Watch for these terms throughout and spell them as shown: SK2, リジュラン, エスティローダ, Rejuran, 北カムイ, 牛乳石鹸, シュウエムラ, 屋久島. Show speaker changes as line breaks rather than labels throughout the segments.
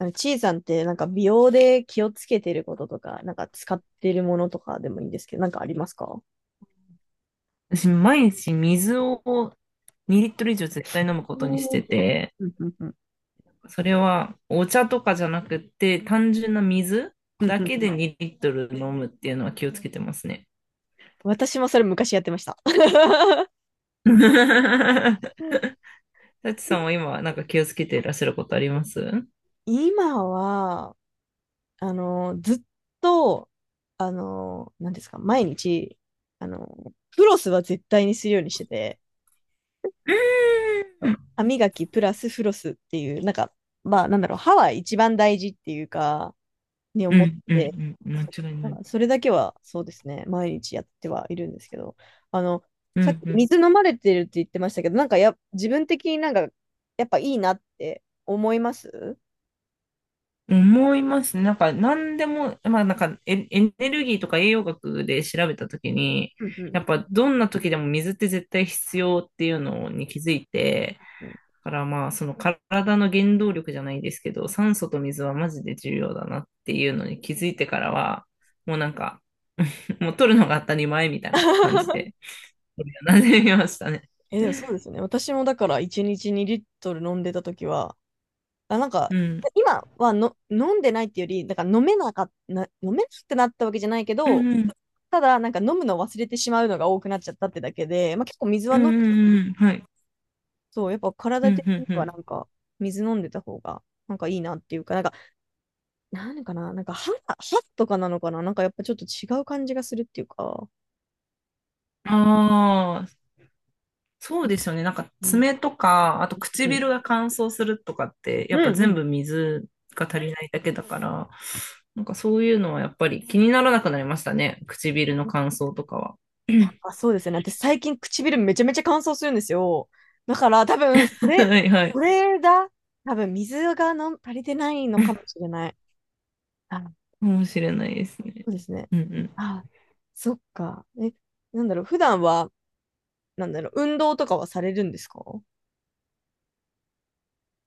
ちいさんってなんか美容で気をつけてることとか、なんか使ってるものとかでもいいんですけど、なんかありますか？
私、毎日水を2リットル以上絶対飲むことにしてて、
うんうんうん
それはお茶とかじゃなくて、単純な水
うん
だけ
う
で
ん。
2リットル飲むっていうのは気をつけてますね。
私もそれ昔やってました。
タチさ
い
んは今、なんか気をつけていらっしゃることありますう？
今は、ずっと、何ですか、毎日、フロスは絶対にするようにしてて、
ーん
歯磨きプラスフロスっていう、なんか、まあ、なんだろう、歯は一番大事っていうか、に
う
思っ
んう
て、
んうん、間
そう
違い
だ
な
か
い。
らそれだけはそうですね、毎日やってはいるんですけど、あの、
う
さっき
んうん
水飲まれてるって言ってましたけど、なんか自分的になんか、やっぱいいなって思います。
思います。ねなんか、何でも、まあ、なんかエネルギーとか栄養学で調べたときに、
うんうん
やっぱ、どんな時でも水って絶対必要っていうのに気づいて、
うん。
だからまあ、その体の原動力じゃないですけど、酸素と水はマジで重要だなっていうのに気づいてからは、もうなんか、もう取るのが当たり前みたいな感じで、なじみましたね。
え、でもそうですね。私もだから1日2リットル飲んでた時は、あ、なんか、
うん。
今はの飲んでないっていうより、だから飲めなくなったわけじゃないけ
うん
ど、
うん。
ただなんか飲むのを忘れてしまうのが多くなっちゃったってだけで、まあ、結構水は
うん
飲む。
うんうん。はい。
そう、やっぱ
う
体
ん
的
う
に
んう
は
ん。
なんか、水飲んでた方が、なんかいいなっていうか、なんか、なんかな、なんか歯、歯とかなのかな、なんかやっぱちょっと違う感じがするっていうか、
ああ、そうですよね。なんか
うん、
爪とか、あと
うん、
唇が乾燥するとかって、
う
やっぱ
んう
全
ん。
部水が足りないだけだから、なんかそういうのはやっぱり気にならなくなりましたね。唇の乾燥とかは。
やっぱ そうですよね。私最近唇めちゃめちゃ乾燥するんですよ。だから多分、それ、
はいはい。か
これだ。多分、水がの足りてないのかもしれない。あ、
もしれないですね。
そうですね。
うんうん。
あ、そっか。え、なんだろう、普段は、なんだろう、運動とかはされるんですか？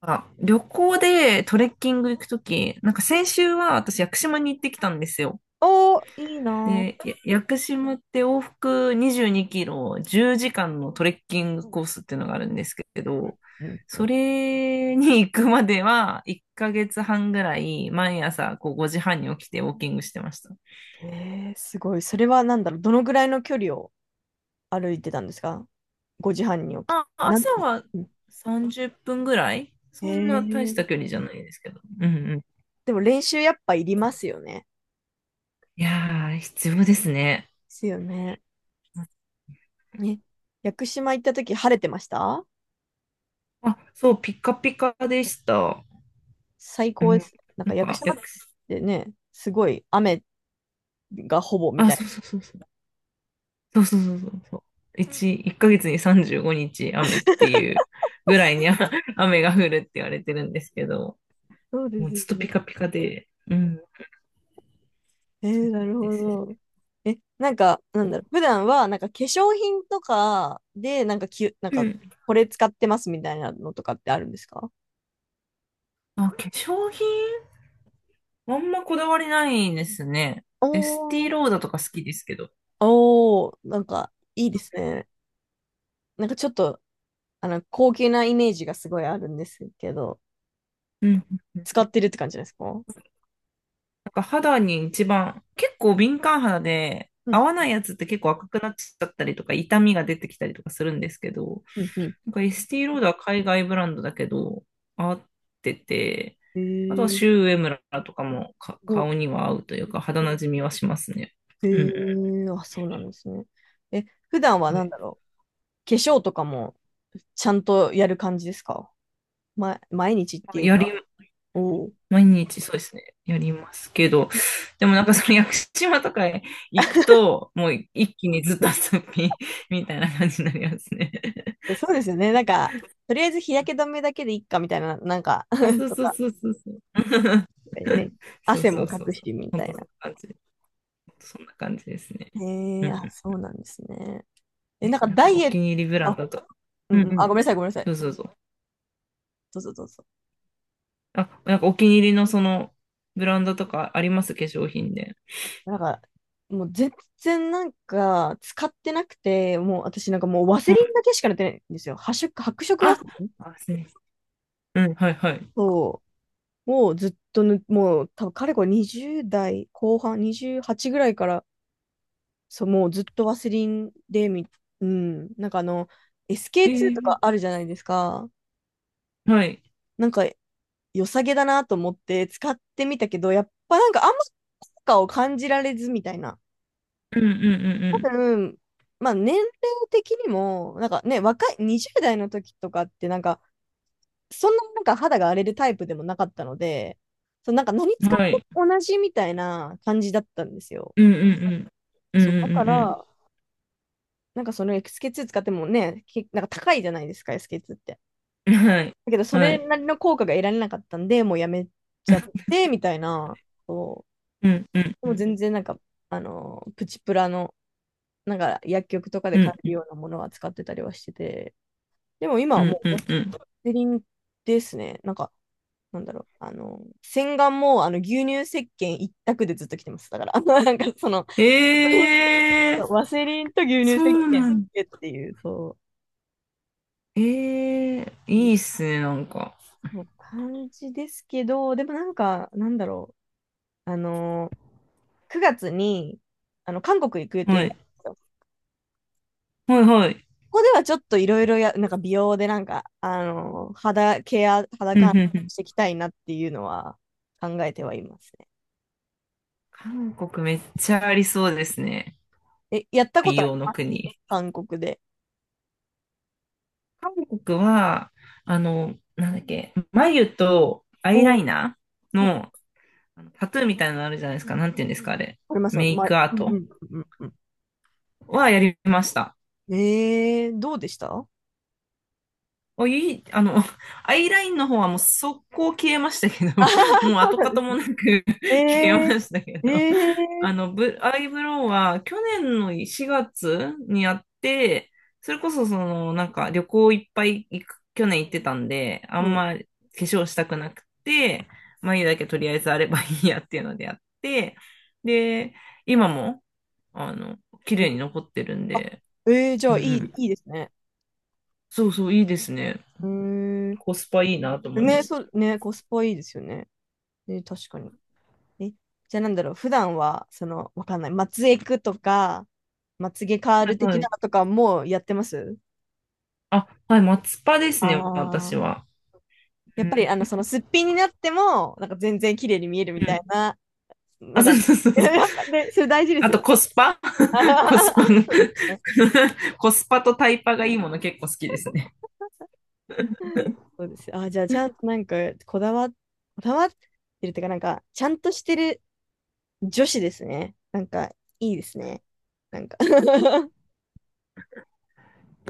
あ、旅行でトレッキング行くとき、なんか先週は私屋久島に行ってきたんですよ。
おー、いいなぁ。
で、屋久島って往復22キロ10時間のトレッキングコースっていうのがあるんですけど、
うんう
そ
ん。
れに行くまでは1ヶ月半ぐらい毎朝こう5時半に起きてウォーキングしてました。
えー、すごい。それは何だろう。どのぐらいの距離を歩いてたんですか？ 5 時半に起き。
まあ、
なん、
朝は
うん。
30分ぐらい
え
そんな大し
ー、
た距離じゃないですけど。うんうん。
でも練習やっぱいりますよね。
いやー、必要ですね。
ですよね。ね。屋久島行った時晴れてました？
あ、そう、ピカピカでした。
最
う
高で
ん。
す。なん
な
か
ん
屋久
か、
島ってね、すごい雨がほぼみ
あ、
たいな。
そうそうそうそう。そうそうそうそうそう。一ヶ月に35日雨っていうぐらいにあ 雨が降るって言われてるんですけど、
そうで
もう
すよ
ずっとピ
ね。
カピカで、うん、
え
そ
ー、
う
な
なん
る
で
ほ
すよ。
ど。え、なんか、なんだろう。普段は、なんか化粧品とかで、なんかなん
う
か、
ん。
これ使ってますみたいなのとかってあるんですか？
あ、化粧品あんまこだわりないですね。
お
エスティ
ー。
ローダとか好きですけど。
おー、なんか、いいですね。なんかちょっと、高級なイメージがすごいあるんですけど、
うん。
使ってるって感じですか？
なんか肌に一番、結構敏感肌で、
う
合
ん、
わないやつって結構赤くなっちゃったりとか、痛みが出てきたりとかするんですけど、
うん、うん。
なんかエスティ t ロードは海外ブランドだけど、合ってて、
え
あとはシ
ー、
ュウエムラとかも
お、
顔には合うというか、肌なじみはしますね。
え
うんう
ー、あ、そうなんですね。え、普段は
ん。は
なん
い、
だろう。化粧とかも、ちゃんとやる感じですか？ま、毎日っ
ま
て
あ
いうか。おー。
毎日そうですね。やりますけど、でもなんかその屋久島とかへ行くと、もう一気にずっと遊び みたいな感じになりますね。
えそうですよね。なんか、とりあえず日焼け止めだけでいいかみたいな、なんか
あ、そう
と
そう
か、
そうそうそう。
ね、
そう
汗
そ
も
う
か
そう
く
そう。
しみた
本当
い
そ
な。
んな感じ。本当そんな感じですね。
へ
う
え、あ、
ん、
そうなんですね。え、なんかダイ
お
エッ
気に入りブ
ト、
ラン
あ、
ドとか。
う
うんう
んうん、あ、ご
ん。
めんなさい、ごめんなさい。
そうそうそう。
どうぞどうぞ。
あ、なんかお気に入りのそのブランドとかあります化粧品で？
なんか、もう全然なんか使ってなくて、もう私なんかもうワ
う
セ
ん、
リンだけしか塗ってないんですよ。発色、白色は、
あ、あ、すみません。うん、はいはい。
そう、もうずっともう多分かれこれ20代後半、28ぐらいから、そう、もうずっとワセリンでうん、なんか
え
SK2 と
ー、
かあるじゃないですか。
はい。
なんか良さげだなと思って使ってみたけど、やっぱなんかあんま効果を感じられずみたいな。
うんう
多
んう
分、まあ年齢的にも、なんかね、若い、20代の時とかってなんか、そんななんか肌が荒れるタイプでもなかったので、そう、なんか何
んうん。
使って
はい。
も同じみたいな感じだったんですよ。
うんうんうん。うん
そう、だか
うん
ら、なんかその SK2 使ってもね、なんか高いじゃないですか、SK2 って。
うんうん。はい。
だけど、そ
は
れな
い。
りの効果が得られなかったんで、もうやめちゃって、みたいな。そ
うんうん
う。で
う
も
ん
全然なんか、プチプラの、なんか薬局とかで
う
買
ん
え
う
る
ん
ようなものは使ってたりはしてて、でも今
う
は
ん
も
う
う
ん
ワ
うん。
セリンですね。なんか、なんだろう。洗顔もあの牛乳石鹸一択でずっと来てます。だから、あのなんかその、
えー、
ワセリンと牛乳
そ
石
う
鹸
な
だ
んだ。
けっていう、そう、
いいっすね、なんか。
そう感じですけど、でもなんか、なんだろう。9月に、韓国行く予
は
定があ
い。
るんですよ。
はいはい。
ここではちょっといろいろなんか美容でなんか、肌ケア、肌
うんう
管
ん
理
うん。
していきたいなっていうのは考えてはいます。
韓国めっちゃありそうですね。
え、やったこ
美
とあ
容
り
の
ます？
国。
韓国で。
韓国は、あの、なんだっけ、眉とアイラ
うー
イナー
うん。
のあのタトゥーみたいなのあるじゃないですか。なんて言うんですか、あれ。
ありますよ。
メイ
まあ、
クアー
うんう
ト
んうんうん
はやりました。
うん。えー、どうでしたあ？
おいい、あの、アイラインの方はもう速攻消えましたけ
は
ど、
は
もう
そう
跡
なん
形
です。
もなく
え
消えま
え。
したけ
え
ど、
え
あ
ー。
の、アイブロウは去年の4月にやって、それこそその、なんか旅行いっぱい行く、去年行ってたんで、あ
う
ん
ん
ま化粧したくなくて、眉だけとりあえずあればいいやっていうのでやって、で、今も、あの、綺
うん。
麗に残ってるん
あ、
で、
えーじ
う
ゃ
ん
あい
う
い、
ん、
いいですね。
そうそう、いいですね。
うーん。
コスパいいなと思いま
ね、
した。
そう、ね、コスパいいですよね。えー確かに。え、じゃあなんだろう、普段は、その、わかんない、まつエクとか、まつげカー
はい
ル的
は
な
い。
のとかもやってます？
あ、はい、松パですね、
あ、
私は。う
やっ
ん
ぱりそのすっぴんになっても、なんか全然綺麗に見えるみ
う
たい
ん。
なの
あ、そ
が、
うそうそ うそう。
やっぱね、それ大事で
あ
すよ
と
ね。
コスパ コスパの
ね、
コスパとタイパがいいもの結構好きですね。
そうです。あ、じゃあちゃんとなんか、こだわってるっていうか、なんか、ちゃんとしてる女子ですね。なんか、いいですね。なんか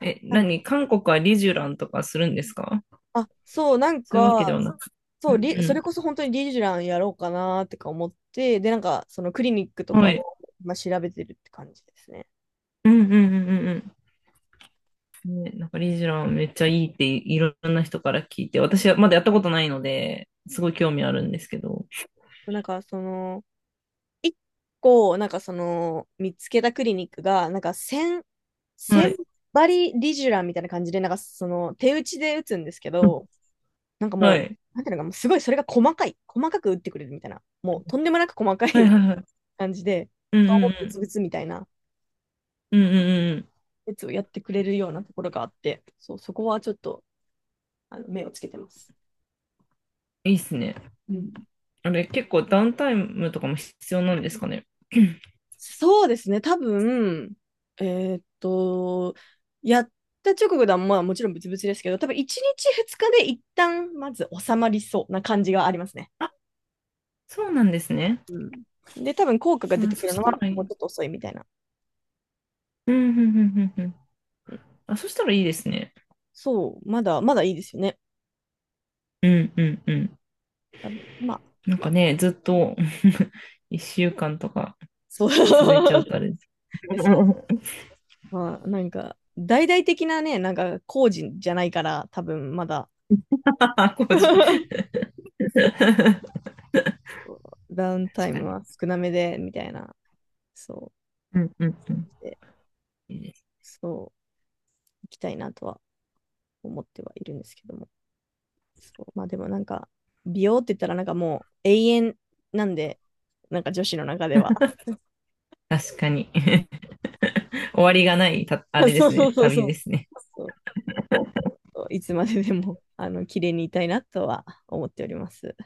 え、
なん
何韓国はリジュランとかするんですか？
あ、そう、なん
そういうわけでは
か、
なく。う
そう、
ん
そ
う
れこそ本当にリジュランやろうかなってか思って、で、なんか、そのクリニックと
ん。
か
は
を、
い。
まあ、調べてるって感じですね。
うんうんうんうんうん。ね、なんかリジュランめっちゃいいっていろんな人から聞いて、私はまだやったことないので、すごい興味あるんですけど。
なんか、その、一個、なんかその、見つけたクリニックが、なんか1 0
はい。
針リジュラみたいな感じで、なんかその、手打ちで打つんですけど、なんか
は
もう、
い。
なんていうのか、もうすごいそれが細かい、細かく打ってくれるみたいな、もうとんでもなく細かい
はいはい はい。
感じで、
うんう
顔
んう
もブツブ
ん。
ツみたいな
うんうんうんうんうんうん、
やつをやってくれるようなところがあって、そう、そこはちょっと、目をつけてます。
いいっすね。
うん。
あれ、結構ダウンタイムとかも必要なんですかね。
そうですね、多分、えーっと、やった直後では、まあもちろんブツブツですけど、多分1日2日で一旦まず収まりそうな感じがありますね。
あ、そうなんですね。
うん。で、多分効果が出
あ、
てく
そ
る
し
の
た
は
らい
もう
い。
ちょっと遅いみたいな。
うん、うん、うん、うん。うん、
うん。
あ、そしたらいいですね。
そう、まだ、まだいいですよね。
うん、うん、うん。
多分、まあ、
なんかね、ずっと 1週間とか
そう。
続いちゃう とあれです
え
けど。
そう
う
です。
んうん、
まあ、なんか、大々的なね、なんか工事じゃないから、多分まだ。
あ、工事。確
ダウンタイ
か
ム
に。
は少なめで、みたいな。そ
うん、うん、うん。
う。で、
いいです、
そう。行きたいなとは思ってはいるんですけども。そうまあでもなんか、美容って言ったらなんかもう永遠なんで、なんか女子の中では。
確かに。終わりがないた、あれ で
そう
す
そう
ね。
そう
旅
そ
で
う。
すね。
そういつまででも、綺麗にいたいなとは思っております。